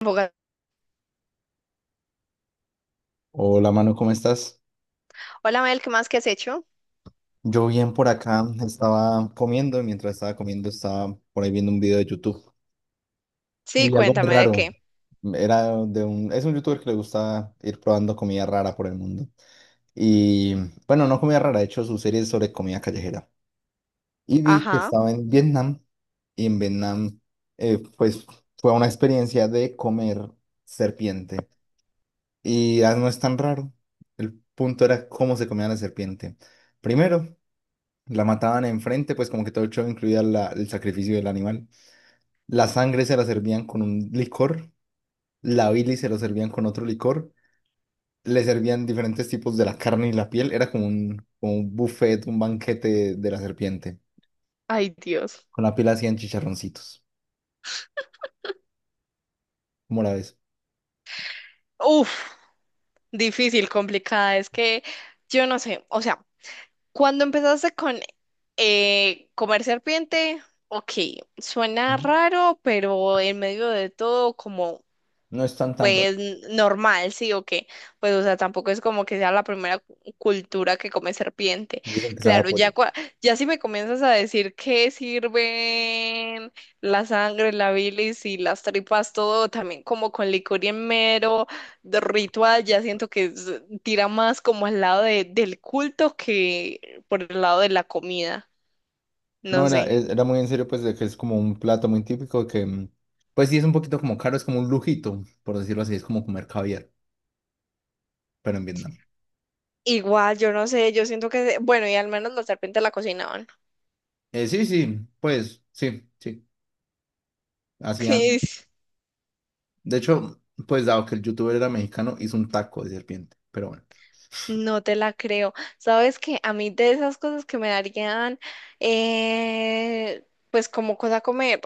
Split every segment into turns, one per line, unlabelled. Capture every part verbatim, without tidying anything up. Bogotá.
Hola, Manu, ¿cómo estás?
Hola Mel, ¿qué más que has hecho?
Yo bien por acá, estaba comiendo y mientras estaba comiendo estaba por ahí viendo un video de YouTube.
Sí,
Y algo muy
cuéntame de
raro,
qué.
era de un, es un youtuber que le gusta ir probando comida rara por el mundo. Y bueno, no comida rara, de hecho su serie es sobre comida callejera. Y vi que
Ajá.
estaba en Vietnam y en Vietnam eh, pues fue una experiencia de comer serpiente. Y ah, no es tan raro, el punto era cómo se comía la serpiente. Primero. La mataban enfrente, pues como que todo el show incluía la- el sacrificio del animal. La sangre se la servían con un licor, la bilis se la servían con otro licor, le servían diferentes tipos de la carne y la piel, era como un, como un buffet, un banquete de, de la serpiente.
Ay, Dios.
Con la piel hacían chicharroncitos. ¿Cómo la ves?
Uf, difícil, complicada. Es que yo no sé. O sea, cuando empezaste con eh, comer serpiente, ok, suena
Ujú.
raro, pero en medio de todo, como
No es tan tan raro.
pues normal, ¿sí o qué? Pues, o sea, tampoco es como que sea la primera cu- cultura que come serpiente.
Dicen que sabe a
Claro,
pollo.
ya, cua- ya si me comienzas a decir qué sirven la sangre, la bilis y las tripas, todo también como con licor y en mero de ritual, ya siento que es- tira más como al lado de- del culto que por el lado de la comida.
No,
No
era,
sé.
es- era muy en serio, pues, de que es como un plato muy típico que, mm, pues sí, es un poquito como caro, es como un lujito, por decirlo así, es como comer caviar, pero en Vietnam.
Igual, yo no sé, yo siento que, bueno, y al menos la serpiente la cocinaban.
Eh, sí, sí, pues sí, sí. Hacían. De hecho, pues dado que el youtuber era mexicano, hizo un taco de serpiente. Pero bueno,
No te la creo. Sabes que a mí de esas cosas que me darían, eh, pues como cosa comer,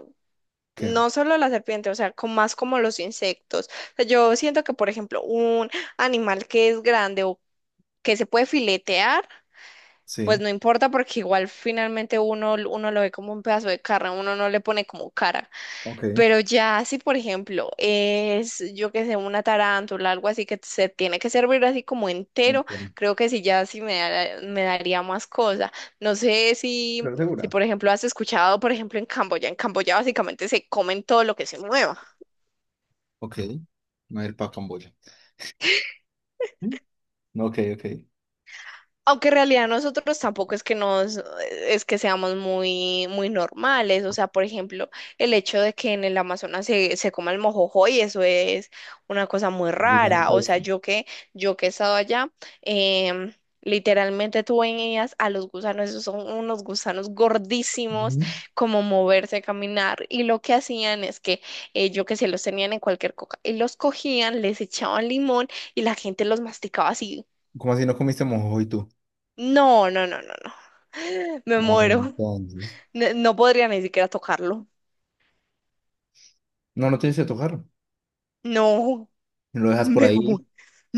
que
no solo la serpiente, o sea, con más como los insectos. O sea, yo siento que, por ejemplo, un animal que es grande o que se puede filetear, pues
sí.
no importa porque igual finalmente uno, uno lo ve como un pedazo de carne, uno no le pone como cara.
Ok.
Pero ya si, por ejemplo, es, yo que sé, una tarántula, algo así que se tiene que servir así como entero,
Entiendo.
creo que sí, ya sí me, da- me daría más cosa. No sé si,
Pero
si,
segura.
por ejemplo, has escuchado, por ejemplo, en Camboya, en Camboya básicamente se comen todo lo que se mueva.
Ok. No ir para Camboya. ¿Mm? Ok, ok.
Aunque en realidad nosotros tampoco es que nos, es que seamos muy, muy normales. O sea, por ejemplo, el hecho de que en el Amazonas se, se coma el mojojoy, eso es una cosa muy rara.
Gusanito
O
ese.
sea, yo que, yo que he estado allá, em, literalmente tú veías a los gusanos, esos son unos gusanos gordísimos,
Ujú.
como moverse, caminar. Y lo que hacían es que eh, yo que se los tenían en cualquier coca, y los cogían, les echaban limón y la gente los masticaba así
¿Cómo así no comiste mojo y tú?
no, no, no, no, no. Me
Mano,
muero.
entonces.
No, no podría ni siquiera tocarlo.
No, no tienes que tocar.
No,
Lo dejas por
me
ahí
mu-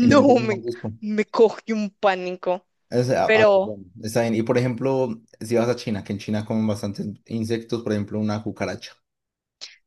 y le metes un
me,
mordisco.
me coge un pánico.
Es, a- a-
Pero
bueno, está bien. Y por ejemplo, si vas a China, que en China comen bastantes insectos, por ejemplo, una cucaracha.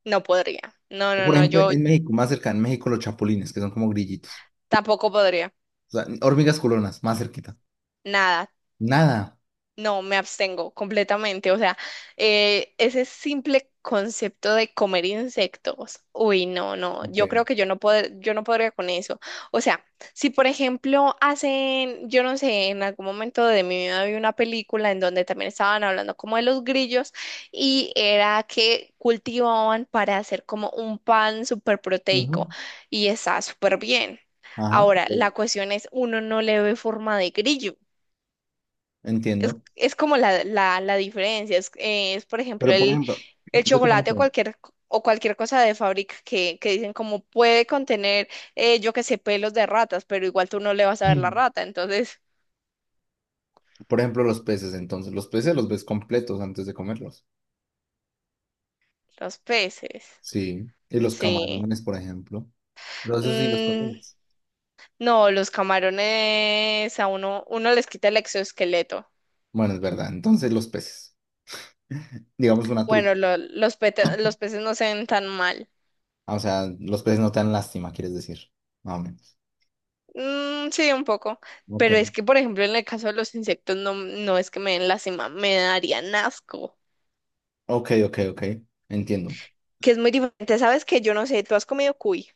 no podría. No, no,
Por
no,
ejemplo,
yo
en México, más cerca, en México los chapulines, que son como grillitos.
tampoco podría.
O sea, hormigas culonas, más cerquita.
Nada.
Nada.
No, me abstengo completamente. O sea, eh, ese simple concepto de comer insectos. Uy, no, no.
Ok.
Yo creo que yo no pod- yo no podría con eso. O sea, si por ejemplo hacen, yo no sé, en algún momento de mi vida vi una película en donde también estaban hablando como de los grillos y era que cultivaban para hacer como un pan súper
Ujú.
proteico y está súper bien.
Ajá.
Ahora,
Ok.
la cuestión es, uno no le ve forma de grillo. Es,
Entiendo.
es como la, la, la diferencia. Es, eh, es, por ejemplo,
Pero por
el,
ejemplo,
el
yo tengo una
chocolate o
pregunta.
cualquier, co- o cualquier cosa de fábrica que, que dicen como puede contener, eh, yo qué sé, pelos de ratas, pero igual tú no le vas a ver la
Mm.
rata. Entonces,
Por ejemplo, los peces, entonces, los peces los ves completos antes de comerlos.
los peces.
Sí. Y los
Sí.
camarones, por ejemplo. Pero eso sí, los
Mm,
consumes.
no, los camarones a uno, uno les quita el exoesqueleto.
Bueno, es verdad. Entonces, los peces. Digamos una trucha.
Bueno, lo- los, peta- los peces no se ven tan mal.
Ah, o sea, los peces no te dan lástima, quieres decir. Más o menos.
Mm, sí, un poco.
Ok.
Pero es que, por ejemplo, en el caso de los insectos, no, no es que me den lástima, me darían asco.
Ok, ok, ok. Entiendo.
Que es muy diferente. Sabes que yo no sé, tú has comido cuy.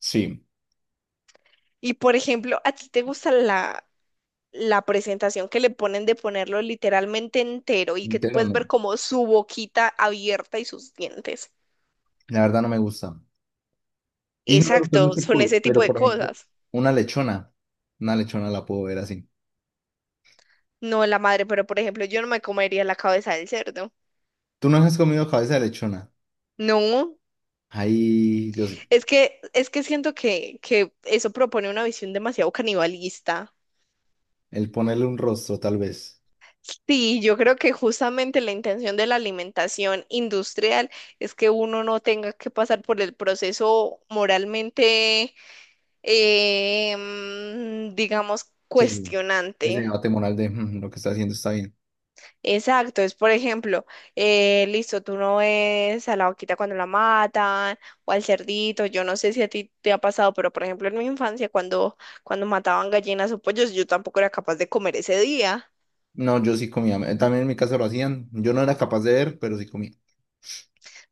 Sí.
Y, por ejemplo, ¿a ti te gusta la, la presentación que le ponen de ponerlo literalmente entero y que tú
Entero
puedes
no.
ver como su boquita abierta y sus dientes?
La verdad no me gusta. Y no me gusta
Exacto,
mucho el
son
cuy,
ese tipo
pero
de
por ejemplo,
cosas.
una lechona. Una lechona la puedo ver así.
No la madre, pero por ejemplo, yo no me comería la cabeza del cerdo.
¿Tú no has comido cabeza de lechona?
No.
Ahí yo sí.
Es que, es que siento que, que eso propone una visión demasiado canibalista.
El ponerle un rostro, tal vez.
Sí, yo creo que justamente la intención de la alimentación industrial es que uno no tenga que pasar por el proceso moralmente, eh, mm, digamos,
Sí, sí. Ese
cuestionante.
debate moral de "Mm, lo que está haciendo está bien."
Exacto, es por ejemplo, eh, listo, tú no ves a la vaquita cuando la matan o al cerdito, yo no sé si a ti te ha pasado, pero por ejemplo en mi infancia cuando, cuando mataban gallinas o pollos, yo tampoco era capaz de comer ese día.
No, yo sí comía. Eh, También en mi casa lo hacían. Yo no era capaz de ver, pero sí comía.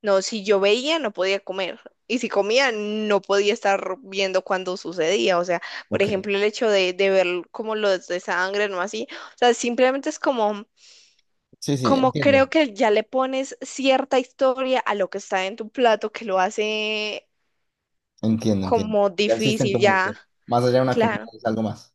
No, si yo veía no podía comer y si comía no podía estar viendo cuando sucedía. O sea, por
Ok.
ejemplo el hecho de, de ver como los de sangre, no así. O sea, simplemente es como…
Sí, sí,
Como
entiendo.
creo que ya le pones cierta historia a lo que está en tu plato, que lo hace
Entiendo, entiendo.
como
Ya existe en tu
difícil, ya,
mente. Más allá de una comida
claro.
es algo más.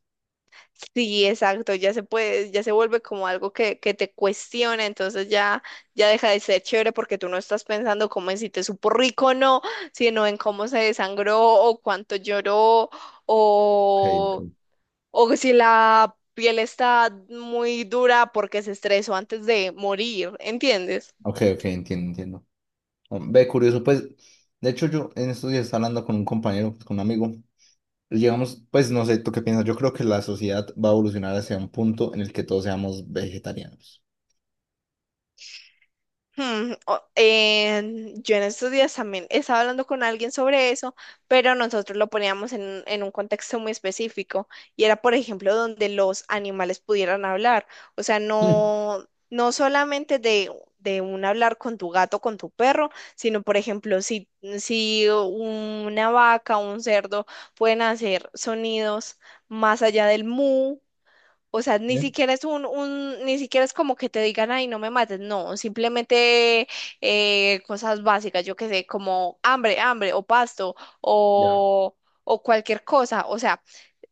Sí, exacto, ya se puede, ya se vuelve como algo que, que te cuestiona, entonces ya, ya deja de ser chévere porque tú no estás pensando como en si te supo rico o no, sino en cómo se desangró o cuánto lloró
Ok,
o,
ok.
o si la piel está muy dura porque se estresó antes de morir, ¿entiendes?
Ok, ok, entiendo, entiendo. Ve, curioso, pues, de hecho yo en estos días estaba hablando con un compañero, pues, con un amigo, y llegamos, pues, no sé, ¿tú qué piensas? Yo creo que la sociedad va a evolucionar hacia un punto en el que todos seamos vegetarianos.
Hmm, o- eh, yo en estos días también estaba hablando con alguien sobre eso, pero nosotros lo poníamos en, en un contexto muy específico y era, por ejemplo, donde los animales pudieran hablar. O sea,
Mm,
no, no solamente de, de un hablar con tu gato, con tu perro, sino, por ejemplo, si, si una vaca o un cerdo pueden hacer sonidos más allá del mu. O sea, ni
¿eh?
siquiera es un, un, ni siquiera es como que te digan, ay, no me mates, no, simplemente eh, cosas básicas, yo qué sé, como hambre, hambre, o pasto,
Ya.
o, o cualquier cosa. O sea,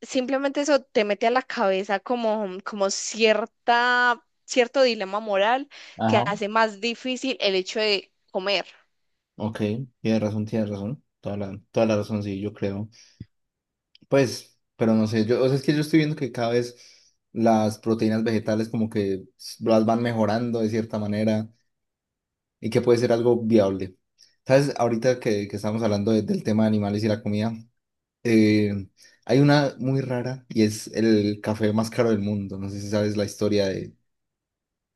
simplemente eso te mete a la cabeza como, como cierta, cierto dilema moral que
Ajá.
hace más difícil el hecho de comer.
Ok, tienes razón, tienes razón, toda la, toda la razón, sí, yo creo. Pues, pero no sé, yo, o sea, es que yo estoy viendo que cada vez las proteínas vegetales como que s- las van mejorando de cierta manera y que puede ser algo viable. ¿Sabes? Ahorita que, que estamos hablando de- del tema de animales y la comida. Eh, hay una muy rara y es el café más caro del mundo. No sé si sabes la historia de,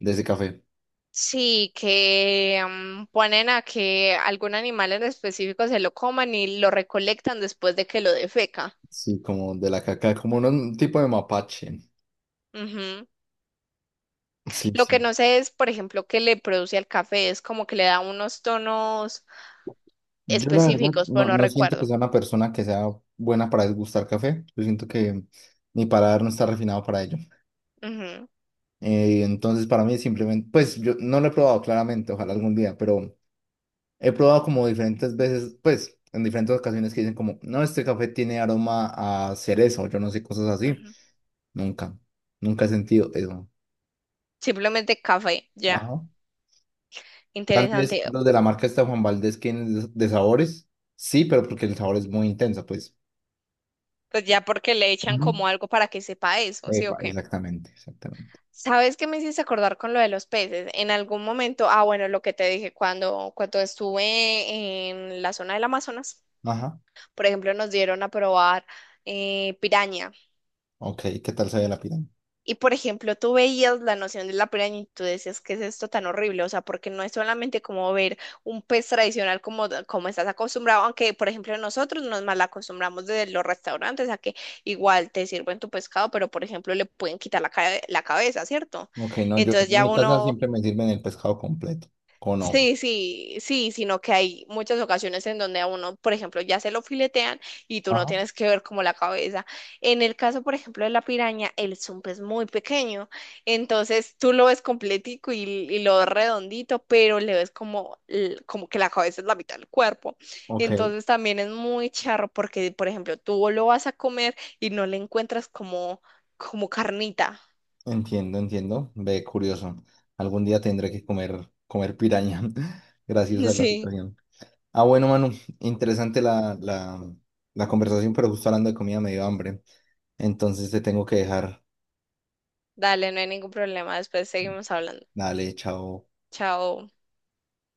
de ese café.
Sí, que mm, ponen a que algún animal en específico se lo coman y lo recolectan después de que lo defeca.
Sí, como de la caca, como un, un tipo de mapache.
Ujú.
Sí,
Lo que
sí.
no sé es, por ejemplo, qué le produce al café, es como que le da unos tonos
Yo la verdad
específicos, pero
no,
no
no siento que
recuerdo.
sea una persona que sea buena para degustar café. Yo siento que mi paladar no está refinado para ello.
Ujú,
Eh, entonces para mí simplemente, pues yo no lo he probado claramente, ojalá algún día, pero he probado como diferentes veces, pues en diferentes ocasiones que dicen como, no, este café tiene aroma a cerezo, yo no sé, cosas así.
ujú.
Nunca, nunca he sentido eso.
Simplemente café, ya.
Ajá. Tal vez
Interesante.
los de la marca esta de Juan Valdez, tienen de de sabores, sí, pero porque el sabor es muy intenso, pues.
Pues ya porque le echan
Ujú.
como algo para que sepa eso, ¿sí o
Epa,
qué?
exactamente, exactamente.
¿Sabes qué me hiciste acordar con lo de los peces? En algún momento, ah, bueno, lo que te dije, cuando, cuando estuve en la zona del Amazonas,
Ajá.
por ejemplo, nos dieron a probar eh, piraña.
Ok, ¿qué tal sabía la pirámide?
Y por ejemplo, tú veías la noción de la piraña y tú decías, ¿qué es esto tan horrible? O sea, porque no es solamente como ver un pez tradicional como, como estás acostumbrado, aunque por ejemplo nosotros nos mal acostumbramos desde los restaurantes a que igual te sirven tu pescado, pero por ejemplo le pueden quitar la, ca- la cabeza, ¿cierto?
Ok, no, yo
Entonces
en
ya
mi casa
uno
siempre me sirven el pescado completo, con ojos.
sí, sí, sí, sino que hay muchas ocasiones en donde a uno, por ejemplo, ya se lo filetean y tú no
Ajá.
tienes que ver como la cabeza. En el caso, por ejemplo, de la piraña, el zumpe es muy pequeño, entonces tú lo ves completico y, y lo ves redondito, pero le ves como, l- como que la cabeza es la mitad del cuerpo.
Ok,
Entonces también es muy charro porque, por ejemplo, tú lo vas a comer y no le encuentras como, como carnita.
entiendo, entiendo. Ve, curioso. Algún día tendré que comer, comer piraña. Gracias a la
Sí,
situación. Ah, bueno, Manu, interesante la, la, la conversación, pero justo hablando de comida me dio hambre. Entonces te tengo que dejar.
dale, no hay ningún problema, después seguimos hablando.
Dale, chao.
Chao.